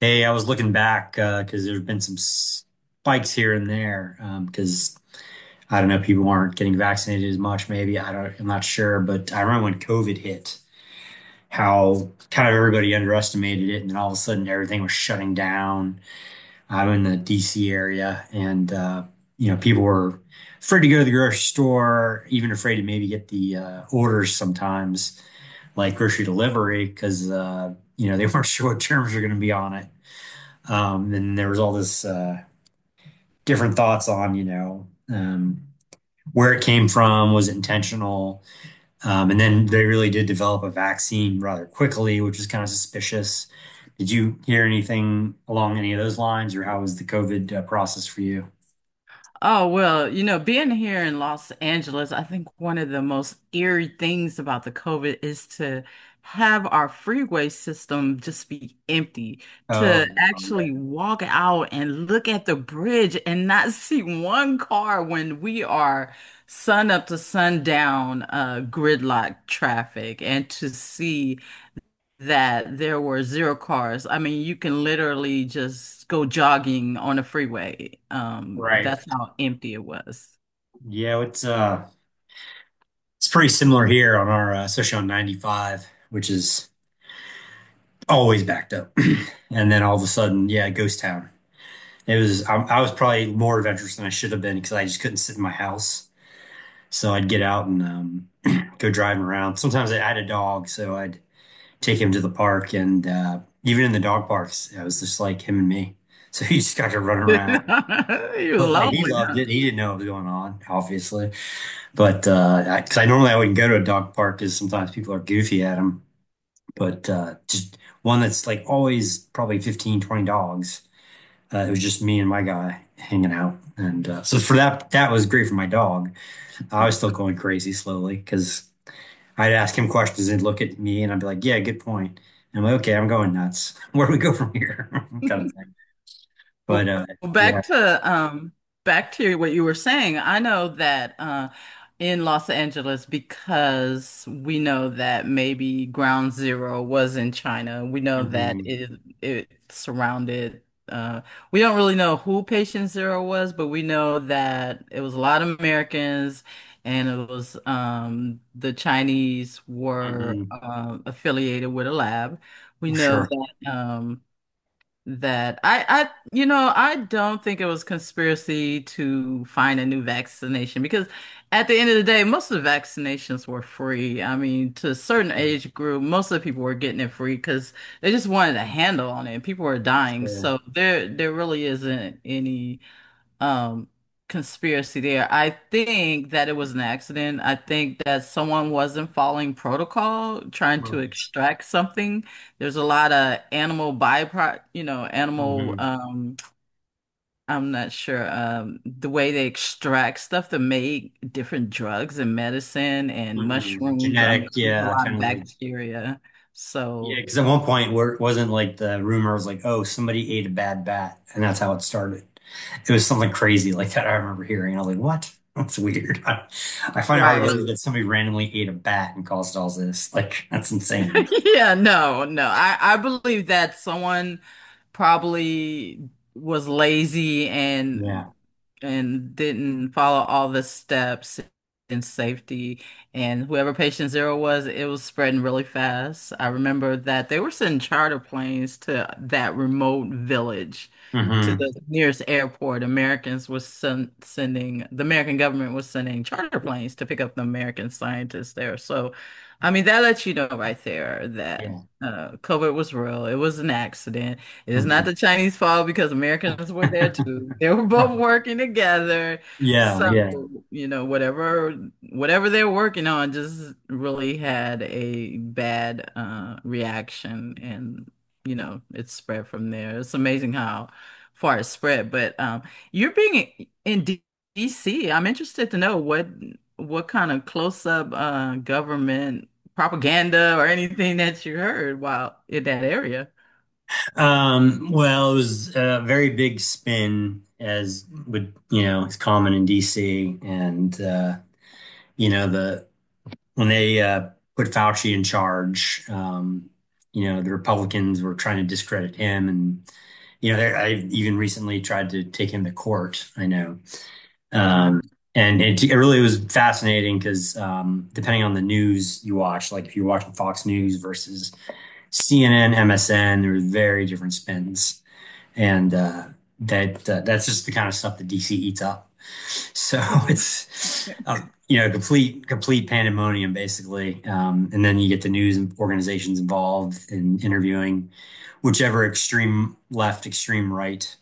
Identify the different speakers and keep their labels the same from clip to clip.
Speaker 1: Hey, I was looking back, because there have been some spikes here and there, because I don't know, people aren't getting vaccinated as much. Maybe I'm not sure, but I remember when COVID hit, how kind of everybody underestimated it, and then all of a sudden everything was shutting down. I'm in the DC area, and people were afraid to go to the grocery store, even afraid to maybe get the orders sometimes, like grocery delivery, because you know they weren't sure what terms were going to be on it. And there was all this different thoughts on, um, where it came from, was it intentional? And then they really did develop a vaccine rather quickly, which was kind of suspicious. Did you hear anything along any of those lines, or how was the COVID process for you?
Speaker 2: Oh, well, you know, being here in Los Angeles, I think one of the most eerie things about the COVID is to have our freeway system just be empty,
Speaker 1: Oh,
Speaker 2: to actually
Speaker 1: yeah.
Speaker 2: walk out and look at the bridge and not see one car when we are sun up to sundown, gridlock traffic, and to see that there were zero cars. I mean, you can literally just go jogging on a freeway.
Speaker 1: Right.
Speaker 2: That's how empty it was.
Speaker 1: Yeah, it's pretty similar here on especially on 95, which is always backed up. And then all of a sudden, yeah, ghost town. I was probably more adventurous than I should have been because I just couldn't sit in my house. So I'd get out and go driving around. Sometimes I had a dog, so I'd take him to the park, and even in the dog parks, it was just like him and me. So he just got to run around.
Speaker 2: It was
Speaker 1: But like he
Speaker 2: lonely,
Speaker 1: loved it. He didn't know what was going on, obviously. But 'cause I normally I wouldn't go to a dog park because sometimes people are goofy at them. But just one that's like always probably 15, 20 dogs. It was just me and my guy hanging out, and so for that, that was great for my dog. I was still going crazy slowly because I'd ask him questions, and he'd look at me, and I'd be like, "Yeah, good point." And I'm like, "Okay, I'm going nuts. Where do we go from here?" kind of
Speaker 2: huh?
Speaker 1: thing.
Speaker 2: Well,
Speaker 1: But
Speaker 2: well,
Speaker 1: yeah,
Speaker 2: back to back to what you were saying. I know that in Los Angeles, because we know that maybe Ground Zero was in China. We know that
Speaker 1: hmm.
Speaker 2: it surrounded. Uh, we don't really know who Patient Zero was, but we know that it was a lot of Americans, and it was the Chinese were
Speaker 1: Hmm.
Speaker 2: affiliated with a lab. We know
Speaker 1: Sure,
Speaker 2: that. That I you know I don't think it was conspiracy to find a new vaccination, because at the end of the day most of the vaccinations were free. I mean, to a certain
Speaker 1: yeah,
Speaker 2: age group most of the people were getting it free because they just wanted a handle on it. People were dying.
Speaker 1: sure,
Speaker 2: So there really isn't any um conspiracy there. I think that it was an accident. I think that someone wasn't following protocol, trying to
Speaker 1: markets.
Speaker 2: extract something. There's a lot of animal byproduct, you know, animal
Speaker 1: Hmm.
Speaker 2: I'm not sure the way they extract stuff to make different drugs and medicine and
Speaker 1: Hmm.
Speaker 2: mushrooms. I
Speaker 1: Genetic,
Speaker 2: mean, there's a
Speaker 1: yeah,
Speaker 2: lot of
Speaker 1: kind of like,
Speaker 2: bacteria.
Speaker 1: yeah,
Speaker 2: So,
Speaker 1: because at one point where it wasn't like the rumor was like, oh, somebody ate a bad bat, and that's how it started. It was something crazy like that. I remember hearing. I was like, what? That's weird. I find it hard to believe
Speaker 2: right.
Speaker 1: that somebody randomly ate a bat and caused all this. Like, that's insane.
Speaker 2: Yeah, no, no. I believe that someone probably was lazy and
Speaker 1: Yeah.
Speaker 2: didn't follow all the steps in safety. And whoever patient zero was, it was spreading really fast. I remember that they were sending charter planes to that remote village, to
Speaker 1: Hmm.
Speaker 2: the nearest airport. Americans was sen sending, The American government was sending charter planes to pick up the American scientists there. So I mean, that lets you know right there that
Speaker 1: Yeah.
Speaker 2: COVID was real. It was an accident. It is not the
Speaker 1: Hmm.
Speaker 2: Chinese fault because Americans were there too. They were
Speaker 1: Right.
Speaker 2: both working together.
Speaker 1: Yeah,
Speaker 2: So,
Speaker 1: yeah.
Speaker 2: you know, whatever they're working on just really had a bad reaction, and you know, it spread from there. It's amazing how far it spread. But you're being in D DC. I'm interested to know what kind of close-up government propaganda or anything that you heard while in that area.
Speaker 1: Well, it was a very big spin, as would, you know, it's common in DC, and the when they put Fauci in charge, the Republicans were trying to discredit him. And, I even recently tried to take him to court, I know.
Speaker 2: Right,
Speaker 1: Um, and it really was fascinating because depending on the news you watch, like if you're watching Fox News versus CNN, MSN, there were very different spins and that's just the kind of stuff that DC eats up. So it's you know complete pandemonium basically, and then you get the news and organizations involved in interviewing whichever extreme left, extreme right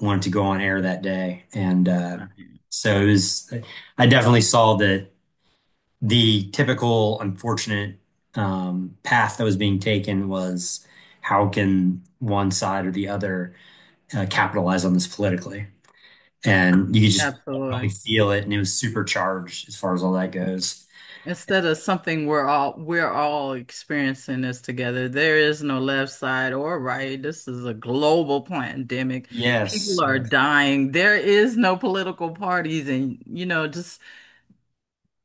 Speaker 1: wanted to go on air that day, and
Speaker 2: right.
Speaker 1: so it was. I definitely saw that the typical unfortunate path that was being taken was how can one side or the other capitalize on this politically. And you could just definitely
Speaker 2: Absolutely.
Speaker 1: feel it, and it was supercharged as far as all that goes.
Speaker 2: Instead of something we're all experiencing this together. There is no left side or right. This is a global pandemic. People
Speaker 1: Yes.
Speaker 2: are
Speaker 1: Yeah.
Speaker 2: dying. There is no political parties, and you know, just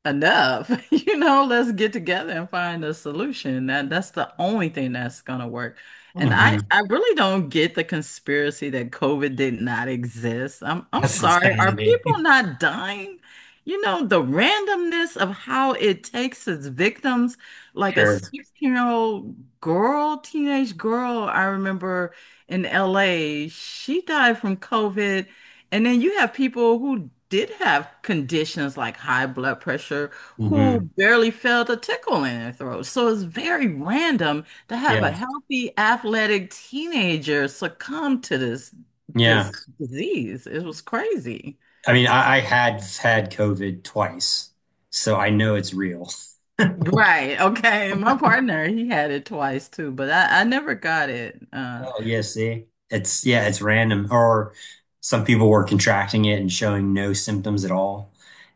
Speaker 2: enough. You know, let's get together and find a solution. That's the only thing that's gonna work. And
Speaker 1: Hmm.
Speaker 2: I really don't get the conspiracy that COVID did not exist. I'm
Speaker 1: That's
Speaker 2: sorry. Are
Speaker 1: insanity.
Speaker 2: people not dying? You know, the randomness of how it takes its victims, like a
Speaker 1: Sure.
Speaker 2: 16-year-old girl, teenage girl, I remember in LA, she died from COVID, and then you have people who did have conditions like high blood pressure who
Speaker 1: Hmm.
Speaker 2: barely felt a tickle in their throat. So it's very random to have a
Speaker 1: Yeah.
Speaker 2: healthy, athletic teenager succumb to this
Speaker 1: Yeah.
Speaker 2: this disease. It was crazy.
Speaker 1: I mean, I had had COVID twice, so I know it's real.
Speaker 2: Right. Okay. My partner, he had it twice too, but I never got it.
Speaker 1: Oh, yeah, see? It's Yeah, it's random. Or some people were contracting it and showing no symptoms at all,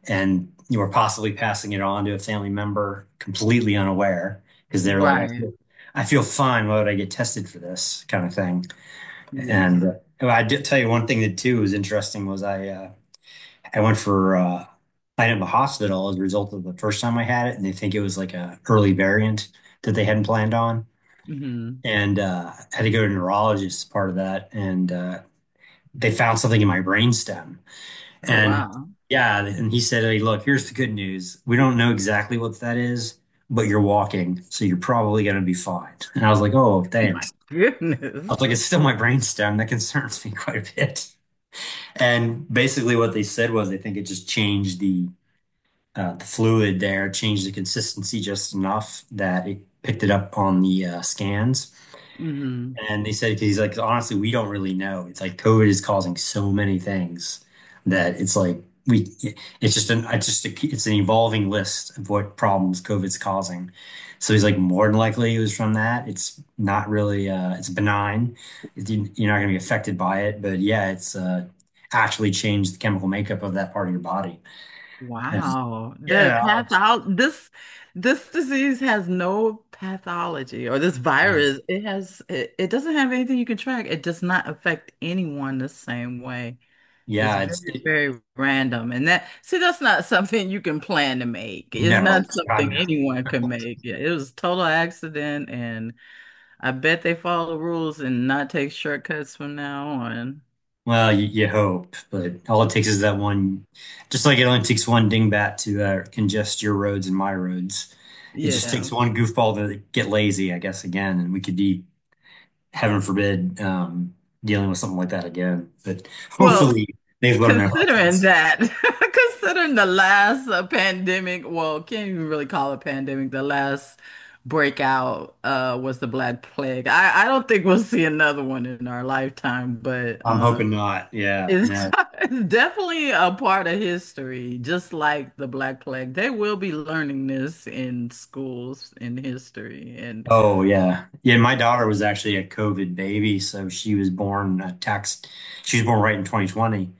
Speaker 1: and you were possibly passing it on to a family member completely unaware because they were like,
Speaker 2: Right.
Speaker 1: I feel fine. Why would I get tested for this kind of thing? And
Speaker 2: Yes.
Speaker 1: well, I did tell you one thing that too was interesting was I went for I ended up in the hospital as a result of the first time I had it, and they think it was like a early variant that they hadn't planned on,
Speaker 2: Hmm.
Speaker 1: and had to go to a neurologist as part of that. And they found something in my brainstem.
Speaker 2: Oh,
Speaker 1: And,
Speaker 2: wow.
Speaker 1: yeah, and he said, "Hey, look, here's the good news. We don't know exactly what that is, but you're walking, so you're probably going to be fine." And I was like, "Oh,
Speaker 2: My
Speaker 1: thanks." I was
Speaker 2: goodness.
Speaker 1: like, "It's still my brainstem. That concerns me quite a bit." And basically, what they said was, I think it just changed the the fluid there, changed the consistency just enough that it picked it up on the scans.
Speaker 2: Hmm.
Speaker 1: And they said, 'cause he's like, honestly, we don't really know. It's like COVID is causing so many things that it's like it's an evolving list of what problems COVID's causing. So he's like, more than likely it was from that. It's not really, it's benign. You're not going to be affected by it, but yeah, it's actually changed the chemical makeup of that part of your body. And,
Speaker 2: Wow. The
Speaker 1: yeah,
Speaker 2: pathol This this disease has no pathology, or this virus. It has it doesn't have anything you can track. It does not affect anyone the same way. It's
Speaker 1: yeah,
Speaker 2: very, very random. And that, see, that's not something you can plan to make. It's
Speaker 1: no,
Speaker 2: not
Speaker 1: God
Speaker 2: something
Speaker 1: no.
Speaker 2: anyone can make. Yeah, it was total accident, and I bet they follow the rules and not take shortcuts from now on.
Speaker 1: Well, you hope, but all it takes is that one. Just like it only takes one dingbat to congest your roads and my roads, it just takes
Speaker 2: Yeah.
Speaker 1: one goofball to get lazy, I guess, again, and we could be, heaven forbid, dealing with something like that again. But
Speaker 2: Well,
Speaker 1: hopefully, they've learned their
Speaker 2: considering
Speaker 1: lessons.
Speaker 2: that, considering the last pandemic, well, can't even really call it pandemic. The last breakout was the Black Plague. I don't think we'll see another one in our lifetime, but
Speaker 1: I'm
Speaker 2: uh,
Speaker 1: hoping not. Yeah,
Speaker 2: it's,
Speaker 1: no.
Speaker 2: it's definitely a part of history, just like the Black Plague. They will be learning this in schools in history, and
Speaker 1: Oh, yeah. Yeah, my daughter was actually a COVID baby, so she was born a tax. She was born right in 2020.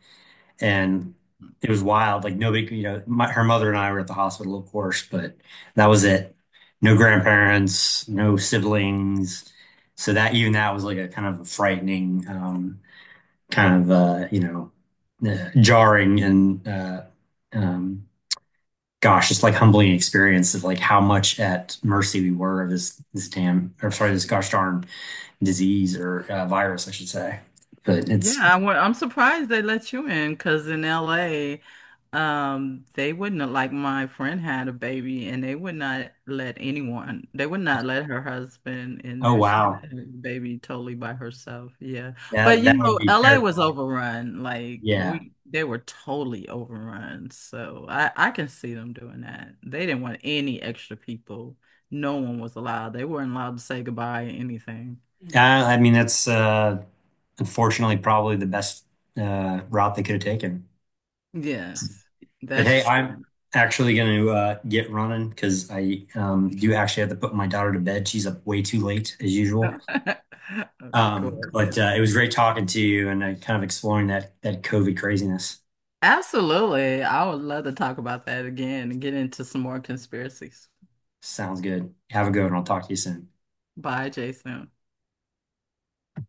Speaker 1: And it was wild. Like her mother and I were at the hospital, of course, but that was it. No grandparents, no siblings. So that even that was like a kind of a frightening, kind of jarring and um, gosh, just like humbling experience of like how much at mercy we were of this damn or sorry, this gosh darn disease or virus, I should say. But
Speaker 2: yeah,
Speaker 1: it's
Speaker 2: I'm surprised they let you in because in LA, they wouldn't have- like my friend had a baby and they would not let anyone, they would not let her husband in
Speaker 1: oh
Speaker 2: there. She
Speaker 1: wow,
Speaker 2: had a baby totally by herself. Yeah. But
Speaker 1: that
Speaker 2: you
Speaker 1: that would
Speaker 2: know,
Speaker 1: be
Speaker 2: LA was
Speaker 1: terrifying.
Speaker 2: overrun. Like
Speaker 1: Yeah.
Speaker 2: we, they were totally overrun. So I can see them doing that. They didn't want any extra people. No one was allowed. They weren't allowed to say goodbye or anything.
Speaker 1: I mean, that's unfortunately probably the best route they could have taken.
Speaker 2: Yes,
Speaker 1: But hey,
Speaker 2: that's
Speaker 1: I'm
Speaker 2: true.
Speaker 1: actually going to get running because I do actually have to put my daughter to bed. She's up way too late as usual.
Speaker 2: Of
Speaker 1: Um,
Speaker 2: course.
Speaker 1: but uh, it was great talking to you and kind of exploring that COVID craziness.
Speaker 2: Absolutely. I would love to talk about that again and get into some more conspiracies.
Speaker 1: Sounds good. Have a good one. I'll talk to you soon.
Speaker 2: Bye, Jason.